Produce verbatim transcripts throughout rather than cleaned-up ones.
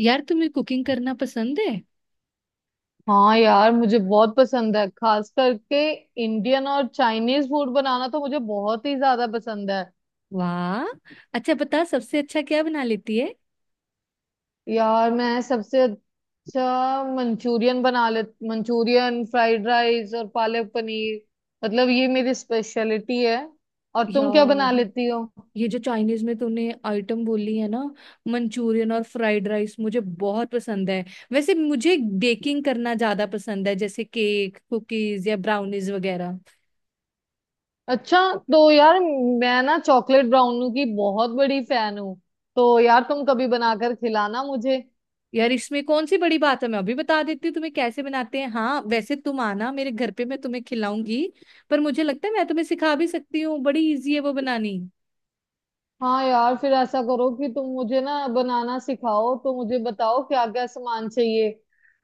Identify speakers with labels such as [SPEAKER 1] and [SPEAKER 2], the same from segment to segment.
[SPEAKER 1] यार तुम्हें कुकिंग करना पसंद है।
[SPEAKER 2] हाँ यार, मुझे बहुत पसंद है, खास करके इंडियन और चाइनीज फूड बनाना तो मुझे बहुत ही ज्यादा पसंद है।
[SPEAKER 1] वाह। अच्छा बता, सबसे अच्छा क्या बना लेती है।
[SPEAKER 2] यार, मैं सबसे अच्छा मंचूरियन बना ले, मंचूरियन फ्राइड राइस और पालक पनीर, मतलब ये मेरी स्पेशलिटी है। और तुम क्या
[SPEAKER 1] यार,
[SPEAKER 2] बना लेती हो?
[SPEAKER 1] ये जो चाइनीज में तूने आइटम बोली है ना, मंचूरियन और फ्राइड राइस मुझे बहुत पसंद है। वैसे मुझे बेकिंग करना ज्यादा पसंद है, जैसे केक, कुकीज या ब्राउनीज वगैरह।
[SPEAKER 2] अच्छा। तो यार, मैं ना चॉकलेट ब्राउनी की बहुत बड़ी फैन हूँ, तो यार तुम कभी बनाकर खिलाना मुझे।
[SPEAKER 1] यार इसमें कौन सी बड़ी बात है, मैं अभी बता देती हूँ तुम्हें कैसे बनाते हैं। हाँ वैसे तुम आना मेरे घर पे, मैं तुम्हें खिलाऊंगी। पर मुझे लगता है मैं तुम्हें सिखा भी सकती हूँ, बड़ी इजी है वो बनानी।
[SPEAKER 2] हाँ यार, फिर ऐसा करो कि तुम मुझे ना बनाना सिखाओ तो मुझे बताओ क्या क्या सामान चाहिए।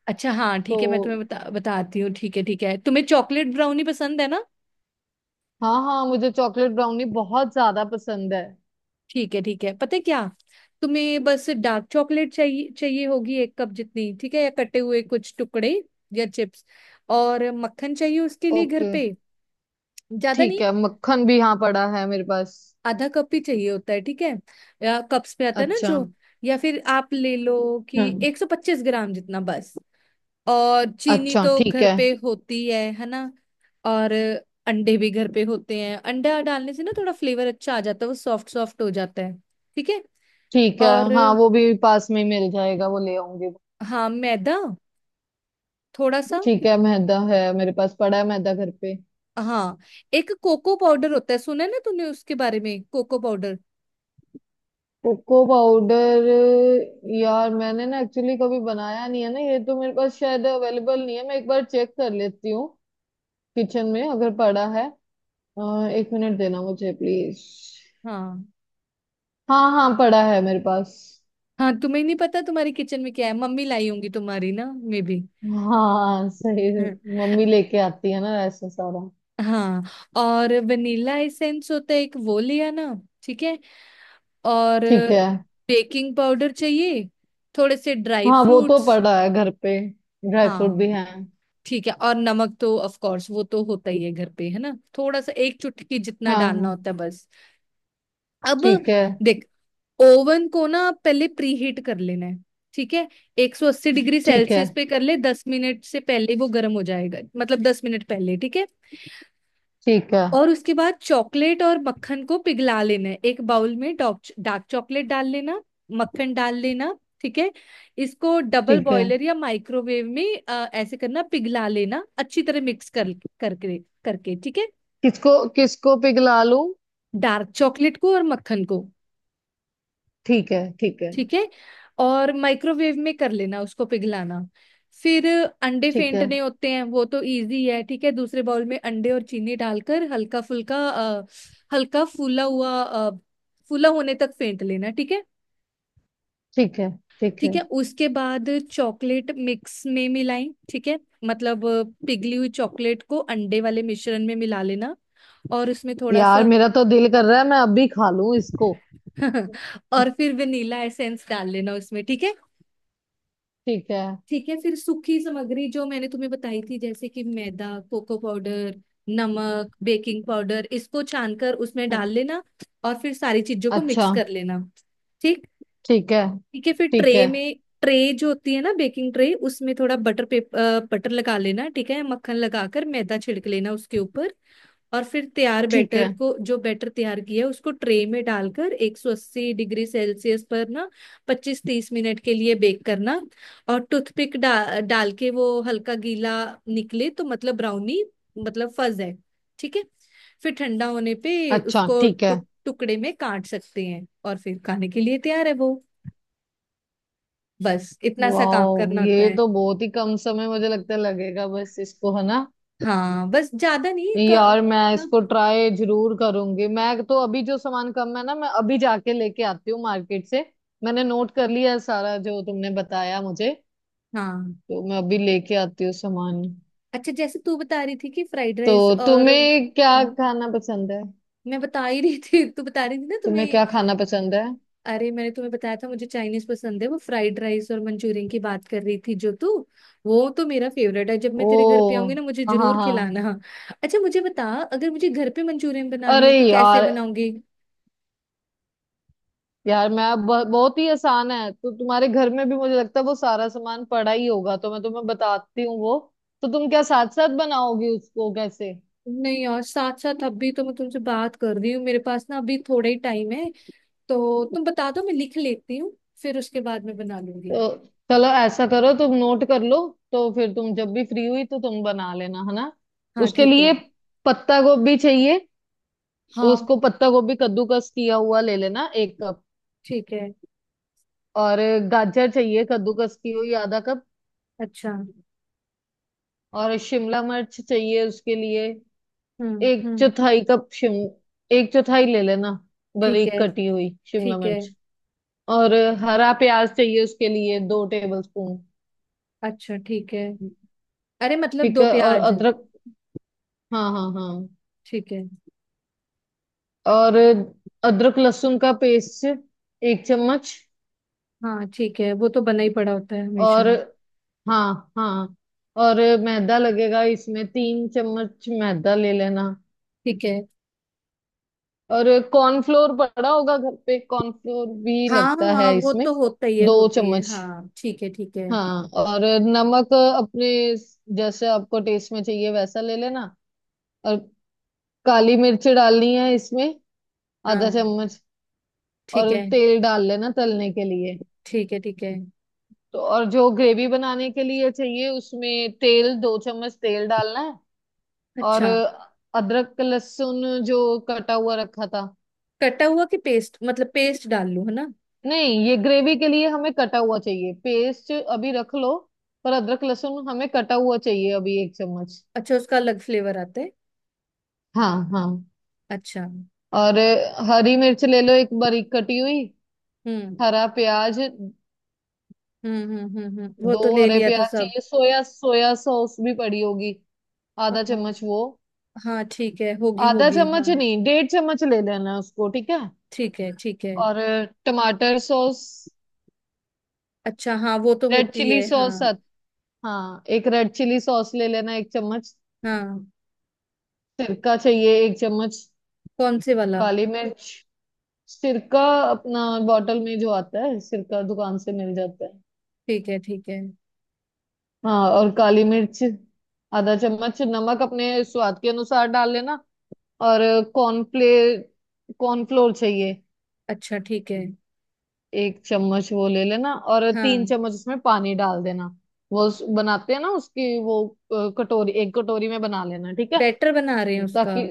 [SPEAKER 1] अच्छा, हाँ, ठीक
[SPEAKER 2] तो
[SPEAKER 1] है, मैं तुम्हें बता बताती हूँ। ठीक है ठीक है, तुम्हें चॉकलेट ब्राउनी पसंद है ना।
[SPEAKER 2] हाँ हाँ, मुझे चॉकलेट ब्राउनी बहुत ज्यादा पसंद है।
[SPEAKER 1] ठीक है ठीक है, पता है क्या, तुम्हें बस डार्क चॉकलेट चाहिए चाहिए होगी, एक कप जितनी। ठीक है, या कटे हुए कुछ टुकड़े या चिप्स। और मक्खन चाहिए उसके लिए घर
[SPEAKER 2] ओके।
[SPEAKER 1] पे, ज्यादा
[SPEAKER 2] ठीक
[SPEAKER 1] नहीं।
[SPEAKER 2] है, मक्खन भी यहाँ पड़ा है मेरे पास।
[SPEAKER 1] आधा कप ही चाहिए होता है, ठीक है। या कप्स में आता है ना
[SPEAKER 2] अच्छा।
[SPEAKER 1] जो, या फिर आप ले लो कि
[SPEAKER 2] हम्म।
[SPEAKER 1] एक सौ पच्चीस ग्राम जितना बस। और चीनी
[SPEAKER 2] अच्छा,
[SPEAKER 1] तो
[SPEAKER 2] ठीक
[SPEAKER 1] घर
[SPEAKER 2] है।
[SPEAKER 1] पे होती है है ना। और अंडे भी घर पे होते हैं, अंडा डालने से ना थोड़ा फ्लेवर अच्छा आ जाता है, वो सॉफ्ट सॉफ्ट हो जाता है। ठीक है।
[SPEAKER 2] ठीक है।
[SPEAKER 1] और,
[SPEAKER 2] हाँ, वो भी पास में ही मिल जाएगा, वो ले आऊंगी।
[SPEAKER 1] हाँ, मैदा, थोड़ा सा।
[SPEAKER 2] ठीक है, मैदा है मेरे पास, पड़ा है मैदा घर पे।
[SPEAKER 1] हाँ, एक कोको पाउडर होता है, सुना है ना तूने उसके बारे में, कोको पाउडर।
[SPEAKER 2] Cocoa powder? यार, मैंने ना एक्चुअली कभी बनाया नहीं है ना, ये तो मेरे पास शायद अवेलेबल नहीं है, मैं एक बार चेक कर लेती हूँ किचन में अगर पड़ा है। अ, एक मिनट देना मुझे प्लीज।
[SPEAKER 1] हाँ
[SPEAKER 2] हाँ हाँ, पड़ा है मेरे पास।
[SPEAKER 1] हाँ, तुम्हें नहीं पता तुम्हारी किचन में क्या है, मम्मी लाई होंगी तुम्हारी ना, मे बी।
[SPEAKER 2] हाँ सही, मम्मी लेके आती है ना ऐसा सारा।
[SPEAKER 1] हाँ, और वनीला एसेंस होता है एक, वो ले आना। ठीक है। और
[SPEAKER 2] ठीक है।
[SPEAKER 1] बेकिंग पाउडर चाहिए, थोड़े से ड्राई
[SPEAKER 2] हाँ वो तो
[SPEAKER 1] फ्रूट्स।
[SPEAKER 2] पड़ा है घर पे, ड्राई फ्रूट भी
[SPEAKER 1] हाँ
[SPEAKER 2] है।
[SPEAKER 1] ठीक है, और नमक तो ऑफ कोर्स वो तो होता ही है घर पे, है ना। थोड़ा सा, एक चुटकी जितना
[SPEAKER 2] हाँ
[SPEAKER 1] डालना
[SPEAKER 2] हाँ।
[SPEAKER 1] होता है बस। अब
[SPEAKER 2] ठीक है।
[SPEAKER 1] देख, ओवन को ना पहले प्रीहीट कर लेना है। ठीक है। एक सौ अस्सी डिग्री
[SPEAKER 2] ठीक है।
[SPEAKER 1] सेल्सियस पे कर ले, दस मिनट से पहले वो गर्म हो जाएगा, मतलब दस मिनट पहले। ठीक है।
[SPEAKER 2] ठीक है।
[SPEAKER 1] और उसके बाद चॉकलेट और मक्खन को पिघला लेना है। एक बाउल में डॉक- डार्क चॉकलेट डाल लेना, मक्खन डाल लेना। ठीक है। इसको डबल
[SPEAKER 2] ठीक है।
[SPEAKER 1] बॉयलर या माइक्रोवेव में अ, ऐसे करना, पिघला लेना, अच्छी तरह मिक्स कर करके करके। ठीक है।
[SPEAKER 2] किसको, किसको पिघला लूं?
[SPEAKER 1] डार्क चॉकलेट को और मक्खन को।
[SPEAKER 2] ठीक है। ठीक है।
[SPEAKER 1] ठीक है। और माइक्रोवेव में कर लेना उसको पिघलाना। फिर अंडे
[SPEAKER 2] ठीक है।
[SPEAKER 1] फेंटने होते हैं, वो तो इजी है। ठीक है। दूसरे बाउल में अंडे और चीनी डालकर हल्का फुल्का अ, हल्का फूला हुआ अ, फूला होने तक फेंट लेना। ठीक है
[SPEAKER 2] ठीक है। ठीक है।
[SPEAKER 1] ठीक है। उसके बाद चॉकलेट मिक्स में मिलाई। ठीक है। मतलब अ, पिघली हुई चॉकलेट को अंडे वाले मिश्रण में मिला लेना। और उसमें थोड़ा
[SPEAKER 2] यार,
[SPEAKER 1] सा
[SPEAKER 2] मेरा तो दिल कर रहा है मैं अभी खा लूं इसको।
[SPEAKER 1] और फिर वेनिला एसेंस डाल लेना उसमें। ठीक है
[SPEAKER 2] ठीक है।
[SPEAKER 1] ठीक है। फिर सूखी सामग्री जो मैंने तुम्हें बताई थी, जैसे कि मैदा, कोको पाउडर, नमक, बेकिंग पाउडर, इसको छानकर उसमें डाल लेना। और फिर सारी चीजों को
[SPEAKER 2] अच्छा,
[SPEAKER 1] मिक्स कर लेना। ठीक,
[SPEAKER 2] ठीक है।
[SPEAKER 1] ठीक है। फिर
[SPEAKER 2] ठीक
[SPEAKER 1] ट्रे
[SPEAKER 2] है।
[SPEAKER 1] में, ट्रे जो होती है ना बेकिंग ट्रे, उसमें थोड़ा बटर पेपर, बटर लगा लेना। ठीक है। मक्खन लगाकर मैदा छिड़क लेना उसके ऊपर। और फिर तैयार
[SPEAKER 2] ठीक है।
[SPEAKER 1] बैटर को, जो बैटर तैयार किया है, उसको ट्रे में डालकर एक सौ अस्सी डिग्री सेल्सियस पर ना पच्चीस तीस मिनट के लिए बेक करना। और टूथपिक डा, डाल के वो हल्का गीला निकले तो मतलब ब्राउनी, मतलब फज है। ठीक है। फिर ठंडा होने पे
[SPEAKER 2] अच्छा,
[SPEAKER 1] उसको
[SPEAKER 2] ठीक है।
[SPEAKER 1] टुक, टुकड़े में काट सकते हैं, और फिर खाने के लिए तैयार है वो। बस इतना सा काम
[SPEAKER 2] वाह,
[SPEAKER 1] करना होता
[SPEAKER 2] ये
[SPEAKER 1] है।
[SPEAKER 2] तो बहुत ही कम समय मुझे लगता है लगेगा बस इसको, है ना?
[SPEAKER 1] हाँ बस ज्यादा नहीं क-
[SPEAKER 2] यार, मैं
[SPEAKER 1] मतलब।
[SPEAKER 2] इसको ट्राई जरूर करूंगी, मैं तो अभी जो सामान कम है ना, मैं अभी जाके लेके आती हूँ मार्केट से। मैंने नोट कर लिया है सारा जो तुमने बताया मुझे।
[SPEAKER 1] हाँ।
[SPEAKER 2] तो मैं अभी लेके आती हूँ सामान।
[SPEAKER 1] अच्छा, जैसे तू बता रही थी कि फ्राइड राइस
[SPEAKER 2] तो
[SPEAKER 1] और।
[SPEAKER 2] तुम्हें क्या
[SPEAKER 1] हाँ।
[SPEAKER 2] खाना पसंद है?
[SPEAKER 1] मैं बता ही रही थी, तू बता रही थी ना
[SPEAKER 2] तुम्हें
[SPEAKER 1] तुम्हें।
[SPEAKER 2] क्या खाना पसंद है?
[SPEAKER 1] अरे, मैंने तुम्हें बताया था मुझे चाइनीज पसंद है, वो फ्राइड राइस और मंचूरियन की बात कर रही थी जो तू। वो तो मेरा फेवरेट है, जब मैं तेरे घर पे
[SPEAKER 2] ओ,
[SPEAKER 1] आऊंगी ना मुझे
[SPEAKER 2] हाँ हाँ
[SPEAKER 1] जरूर
[SPEAKER 2] हाँ।
[SPEAKER 1] खिलाना। अच्छा मुझे बता, अगर मुझे घर पे मंचूरियन बनानी
[SPEAKER 2] अरे
[SPEAKER 1] हो तो कैसे
[SPEAKER 2] यार,
[SPEAKER 1] बनाऊंगी।
[SPEAKER 2] यार मैं अब ब- बहुत ही आसान है, तो तुम्हारे घर में भी मुझे लगता है वो सारा सामान पड़ा ही होगा, तो मैं तुम्हें बताती हूँ वो। तो तुम क्या साथ साथ बनाओगी उसको, कैसे?
[SPEAKER 1] नहीं यार, साथ साथ अभी तो मैं तुमसे बात कर रही हूँ, मेरे पास ना अभी थोड़ा ही टाइम है। तो तुम बता दो, मैं लिख लेती हूँ, फिर उसके बाद में बना लूंगी।
[SPEAKER 2] तो चलो ऐसा करो, तुम नोट कर लो, तो फिर तुम जब भी फ्री हुई तो तुम बना लेना, है ना?
[SPEAKER 1] हाँ
[SPEAKER 2] उसके
[SPEAKER 1] ठीक है।
[SPEAKER 2] लिए पत्ता गोभी चाहिए।
[SPEAKER 1] हाँ
[SPEAKER 2] उसको पत्ता गोभी कद्दूकस किया हुआ ले लेना, एक कप।
[SPEAKER 1] ठीक है।
[SPEAKER 2] और गाजर चाहिए कद्दूकस की हुई, आधा कप।
[SPEAKER 1] अच्छा।
[SPEAKER 2] और शिमला मिर्च चाहिए उसके लिए,
[SPEAKER 1] हम्म
[SPEAKER 2] एक
[SPEAKER 1] हम्म।
[SPEAKER 2] चौथाई कप शिम एक चौथाई ले लेना,
[SPEAKER 1] ठीक
[SPEAKER 2] बारीक
[SPEAKER 1] है
[SPEAKER 2] कटी हुई शिमला
[SPEAKER 1] ठीक है।
[SPEAKER 2] मिर्च। और हरा प्याज चाहिए उसके लिए, दो टेबल स्पून।
[SPEAKER 1] अच्छा ठीक है। अरे मतलब
[SPEAKER 2] ठीक
[SPEAKER 1] दो
[SPEAKER 2] है, और
[SPEAKER 1] प्याज।
[SPEAKER 2] अदरक। हाँ हाँ हाँ।
[SPEAKER 1] ठीक है।
[SPEAKER 2] और अदरक लहसुन का पेस्ट, एक चम्मच।
[SPEAKER 1] हाँ ठीक है, वो तो बना ही पड़ा होता है हमेशा।
[SPEAKER 2] और हाँ हाँ। और मैदा लगेगा इसमें, तीन चम्मच मैदा ले लेना।
[SPEAKER 1] ठीक है।
[SPEAKER 2] और कॉर्नफ्लोर पड़ा होगा घर पे, कॉर्नफ्लोर भी
[SPEAKER 1] हाँ
[SPEAKER 2] लगता
[SPEAKER 1] हाँ,
[SPEAKER 2] है
[SPEAKER 1] वो
[SPEAKER 2] इसमें,
[SPEAKER 1] तो होता ही है
[SPEAKER 2] दो
[SPEAKER 1] होता ही है,
[SPEAKER 2] चम्मच
[SPEAKER 1] हाँ ठीक है ठीक है।
[SPEAKER 2] हाँ, और नमक अपने जैसे आपको टेस्ट में चाहिए वैसा ले लेना। और काली मिर्च डालनी है इसमें, आधा
[SPEAKER 1] हाँ
[SPEAKER 2] चम्मच।
[SPEAKER 1] ठीक
[SPEAKER 2] और
[SPEAKER 1] है
[SPEAKER 2] तेल डाल लेना तलने के लिए।
[SPEAKER 1] ठीक है। ठीक है।
[SPEAKER 2] तो और जो ग्रेवी बनाने के लिए चाहिए उसमें तेल, दो चम्मच तेल डालना है। और
[SPEAKER 1] अच्छा,
[SPEAKER 2] अदरक लहसुन जो कटा हुआ रखा था।
[SPEAKER 1] कटा हुआ कि पेस्ट, मतलब पेस्ट डाल लूं, है ना।
[SPEAKER 2] नहीं, ये ग्रेवी के लिए हमें कटा हुआ चाहिए, पेस्ट अभी रख लो। पर अदरक लहसुन हमें कटा हुआ चाहिए अभी, एक चम्मच।
[SPEAKER 1] अच्छा, उसका अलग फ्लेवर आता है।
[SPEAKER 2] हाँ हाँ।
[SPEAKER 1] अच्छा।
[SPEAKER 2] और अ, हरी मिर्च ले लो, एक बारीक कटी हुई।
[SPEAKER 1] हम्म
[SPEAKER 2] हरा प्याज,
[SPEAKER 1] हम्म हम्म हम्म हम्म। वो
[SPEAKER 2] दो
[SPEAKER 1] तो ले
[SPEAKER 2] हरे
[SPEAKER 1] लिया था
[SPEAKER 2] प्याज
[SPEAKER 1] सब।
[SPEAKER 2] चाहिए। सोया सोया सॉस भी पड़ी होगी,
[SPEAKER 1] अ,
[SPEAKER 2] आधा चम्मच वो।
[SPEAKER 1] हाँ ठीक है, होगी
[SPEAKER 2] आधा
[SPEAKER 1] होगी,
[SPEAKER 2] चम्मच
[SPEAKER 1] हाँ।
[SPEAKER 2] नहीं, डेढ़ चम्मच ले लेना उसको, ठीक है।
[SPEAKER 1] ठीक है ठीक है।
[SPEAKER 2] और अ, टमाटर सॉस,
[SPEAKER 1] अच्छा हाँ, वो तो
[SPEAKER 2] रेड
[SPEAKER 1] होती
[SPEAKER 2] चिली
[SPEAKER 1] है,
[SPEAKER 2] सॉस।
[SPEAKER 1] हाँ।
[SPEAKER 2] हाँ, एक रेड चिली सॉस ले लेना, एक चम्मच।
[SPEAKER 1] हाँ।
[SPEAKER 2] सिरका चाहिए, एक चम्मच।
[SPEAKER 1] कौन से वाला।
[SPEAKER 2] काली मिर्च। सिरका, अपना बॉटल में जो आता है सिरका, दुकान से मिल जाता है।
[SPEAKER 1] ठीक है ठीक है।
[SPEAKER 2] हाँ और काली मिर्च, आधा चम्मच। नमक अपने स्वाद के अनुसार डाल लेना। और कॉर्नफ्ले कॉर्नफ्लोर चाहिए,
[SPEAKER 1] अच्छा ठीक है।
[SPEAKER 2] एक चम्मच वो ले लेना और तीन
[SPEAKER 1] हाँ।
[SPEAKER 2] चम्मच उसमें पानी डाल देना। वो उस- बनाते हैं ना उसकी वो, अ, कटोरी, एक कटोरी में बना लेना, ठीक है?
[SPEAKER 1] बैटर बना रहे हैं उसका।
[SPEAKER 2] ताकि,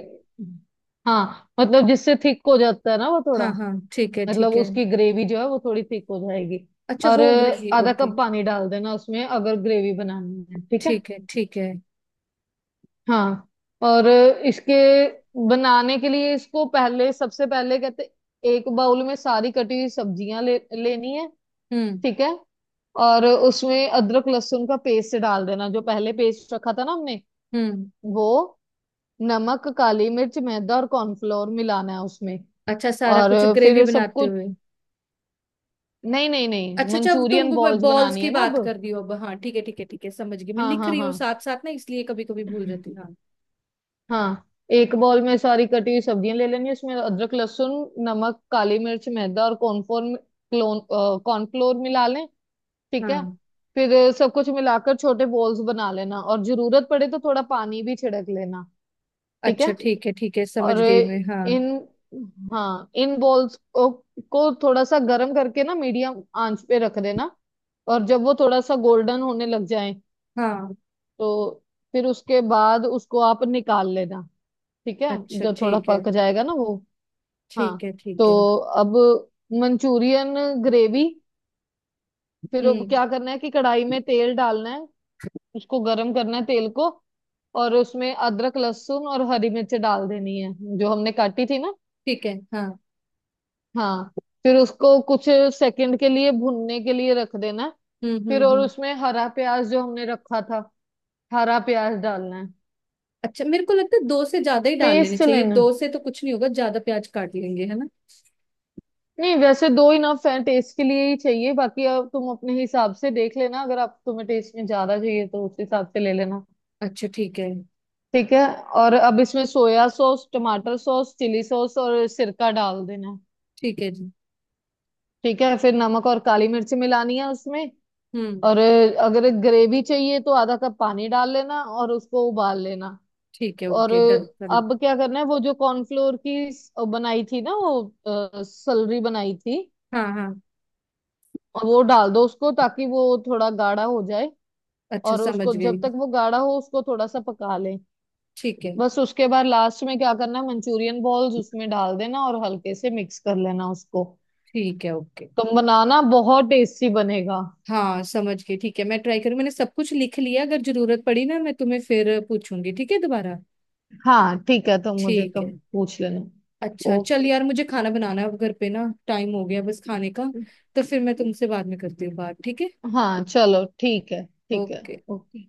[SPEAKER 2] हाँ, मतलब जिससे थिक हो जाता है ना वो थोड़ा,
[SPEAKER 1] हाँ हाँ ठीक है
[SPEAKER 2] मतलब
[SPEAKER 1] ठीक है।
[SPEAKER 2] उसकी ग्रेवी जो है वो थोड़ी थिक हो जाएगी।
[SPEAKER 1] अच्छा,
[SPEAKER 2] और
[SPEAKER 1] वो
[SPEAKER 2] अ,
[SPEAKER 1] ग्रेवी,
[SPEAKER 2] आधा
[SPEAKER 1] ओके।
[SPEAKER 2] कप पानी डाल देना उसमें अगर ग्रेवी बनानी है, ठीक है?
[SPEAKER 1] ठीक है ठीक है।
[SPEAKER 2] हाँ। और इसके बनाने के लिए इसको पहले, सबसे पहले कहते, एक बाउल में सारी कटी हुई सब्जियां ले लेनी है,
[SPEAKER 1] हम्म
[SPEAKER 2] ठीक है? और उसमें अदरक लहसुन का पेस्ट डाल देना, जो पहले पेस्ट रखा था ना हमने
[SPEAKER 1] हम्म।
[SPEAKER 2] वो। नमक, काली मिर्च, मैदा और कॉर्नफ्लोर मिलाना है उसमें।
[SPEAKER 1] अच्छा, सारा
[SPEAKER 2] और
[SPEAKER 1] कुछ ग्रेवी
[SPEAKER 2] फिर सब
[SPEAKER 1] बनाते
[SPEAKER 2] कुछ,
[SPEAKER 1] हुए।
[SPEAKER 2] नहीं नहीं नहीं,
[SPEAKER 1] अच्छा अच्छा, अब तुम
[SPEAKER 2] मंचूरियन बॉल्स
[SPEAKER 1] बॉल्स
[SPEAKER 2] बनानी
[SPEAKER 1] की
[SPEAKER 2] है ना अब।
[SPEAKER 1] बात कर रही हो अब, हाँ। ठीक है ठीक है ठीक है, समझ गई मैं,
[SPEAKER 2] हाँ
[SPEAKER 1] लिख
[SPEAKER 2] हाँ
[SPEAKER 1] रही
[SPEAKER 2] हाँ।
[SPEAKER 1] हूँ साथ साथ ना इसलिए, कभी कभी भूल जाती हूँ, हाँ।
[SPEAKER 2] हाँ। एक बॉल में सारी कटी हुई सब्जियां ले लेनी, उसमें अदरक लहसुन, नमक, काली मिर्च, मैदा और कॉर्नफ्लोर, क्लोन कॉर्नफ्लोर मिला लें, ठीक है।
[SPEAKER 1] हाँ।
[SPEAKER 2] फिर अ, सब कुछ मिलाकर छोटे बॉल्स बना लेना, और जरूरत पड़े तो थोड़ा पानी भी छिड़क लेना। ठीक है।
[SPEAKER 1] अच्छा ठीक है ठीक है,
[SPEAKER 2] और
[SPEAKER 1] समझ गई
[SPEAKER 2] अ,
[SPEAKER 1] मैं, हाँ।
[SPEAKER 2] इन हाँ इन बॉल्स को, को थोड़ा सा गर्म करके ना मीडियम आंच पे रख देना। और जब वो थोड़ा सा गोल्डन होने लग जाए,
[SPEAKER 1] हाँ।
[SPEAKER 2] तो फिर उसके बाद उसको आप निकाल लेना, ठीक है?
[SPEAKER 1] अच्छा
[SPEAKER 2] जब थोड़ा
[SPEAKER 1] ठीक है
[SPEAKER 2] पक जाएगा ना वो। हाँ।
[SPEAKER 1] ठीक है ठीक
[SPEAKER 2] तो
[SPEAKER 1] है।
[SPEAKER 2] अब मंचूरियन ग्रेवी, फिर अब
[SPEAKER 1] हम्म।
[SPEAKER 2] क्या करना है कि कढ़ाई में तेल डालना है, उसको गर्म करना है तेल को। और उसमें अदरक लहसुन और हरी मिर्च डाल देनी है, जो हमने काटी थी ना।
[SPEAKER 1] ठीक है। हाँ।
[SPEAKER 2] हाँ। फिर उसको कुछ सेकंड के लिए भुनने के लिए रख देना है।
[SPEAKER 1] हम्म
[SPEAKER 2] फिर
[SPEAKER 1] हम्म
[SPEAKER 2] और
[SPEAKER 1] हम्म।
[SPEAKER 2] उसमें हरा प्याज जो हमने रखा था, हरा प्याज डालना है।
[SPEAKER 1] अच्छा मेरे को लगता है दो से ज्यादा ही डाल लेने
[SPEAKER 2] पेस्ट
[SPEAKER 1] चाहिए,
[SPEAKER 2] लेना है।
[SPEAKER 1] दो से तो कुछ नहीं होगा, ज्यादा प्याज काट लेंगे, है ना।
[SPEAKER 2] नहीं, वैसे दो इनफ है, टेस्ट के लिए ही चाहिए, बाकी अब तुम अपने हिसाब से देख लेना, अगर आप तुम्हें टेस्ट में ज्यादा चाहिए तो उस हिसाब से ले लेना,
[SPEAKER 1] अच्छा ठीक है।
[SPEAKER 2] ठीक है। और अब इसमें सोया सॉस, टमाटर सॉस, चिली सॉस और सिरका डाल देना।
[SPEAKER 1] ठीक है जी।
[SPEAKER 2] ठीक है, फिर नमक और काली मिर्च मिलानी है उसमें।
[SPEAKER 1] हम्म।
[SPEAKER 2] और अ, अगर ग्रेवी चाहिए तो आधा कप पानी डाल लेना और उसको उबाल लेना।
[SPEAKER 1] ठीक है,
[SPEAKER 2] और
[SPEAKER 1] ओके डन कर
[SPEAKER 2] अ,
[SPEAKER 1] लो।
[SPEAKER 2] अब क्या करना है, वो जो कॉर्नफ्लोर की स- बनाई थी ना वो सलरी बनाई थी,
[SPEAKER 1] हाँ हाँ।
[SPEAKER 2] और वो डाल दो उसको ताकि वो थोड़ा गाढ़ा हो जाए।
[SPEAKER 1] अच्छा
[SPEAKER 2] और उसको
[SPEAKER 1] समझ गई,
[SPEAKER 2] जब तक वो गाढ़ा हो उसको थोड़ा सा पका लें।
[SPEAKER 1] ठीक है
[SPEAKER 2] बस उसके बाद लास्ट में क्या करना है, मंचूरियन बॉल्स उसमें डाल देना और हल्के से मिक्स कर लेना उसको।
[SPEAKER 1] ठीक है, ओके।
[SPEAKER 2] तुम बनाना, बहुत टेस्टी बनेगा।
[SPEAKER 1] हाँ समझ गई ठीक है, मैं ट्राई करूँ, मैंने सब कुछ लिख लिया, अगर जरूरत पड़ी ना मैं तुम्हें फिर पूछूंगी, ठीक है, दोबारा।
[SPEAKER 2] हाँ ठीक है, तुम मुझे
[SPEAKER 1] ठीक है।
[SPEAKER 2] कब पूछ लेना।
[SPEAKER 1] अच्छा चल
[SPEAKER 2] ओके।
[SPEAKER 1] यार, मुझे खाना बनाना है अब घर पे ना, टाइम हो गया बस खाने का। तो फिर मैं तुमसे बाद में करती हूँ बात, ठीक है।
[SPEAKER 2] हाँ चलो ठीक है, ठीक है।
[SPEAKER 1] ओके।
[SPEAKER 2] ओके।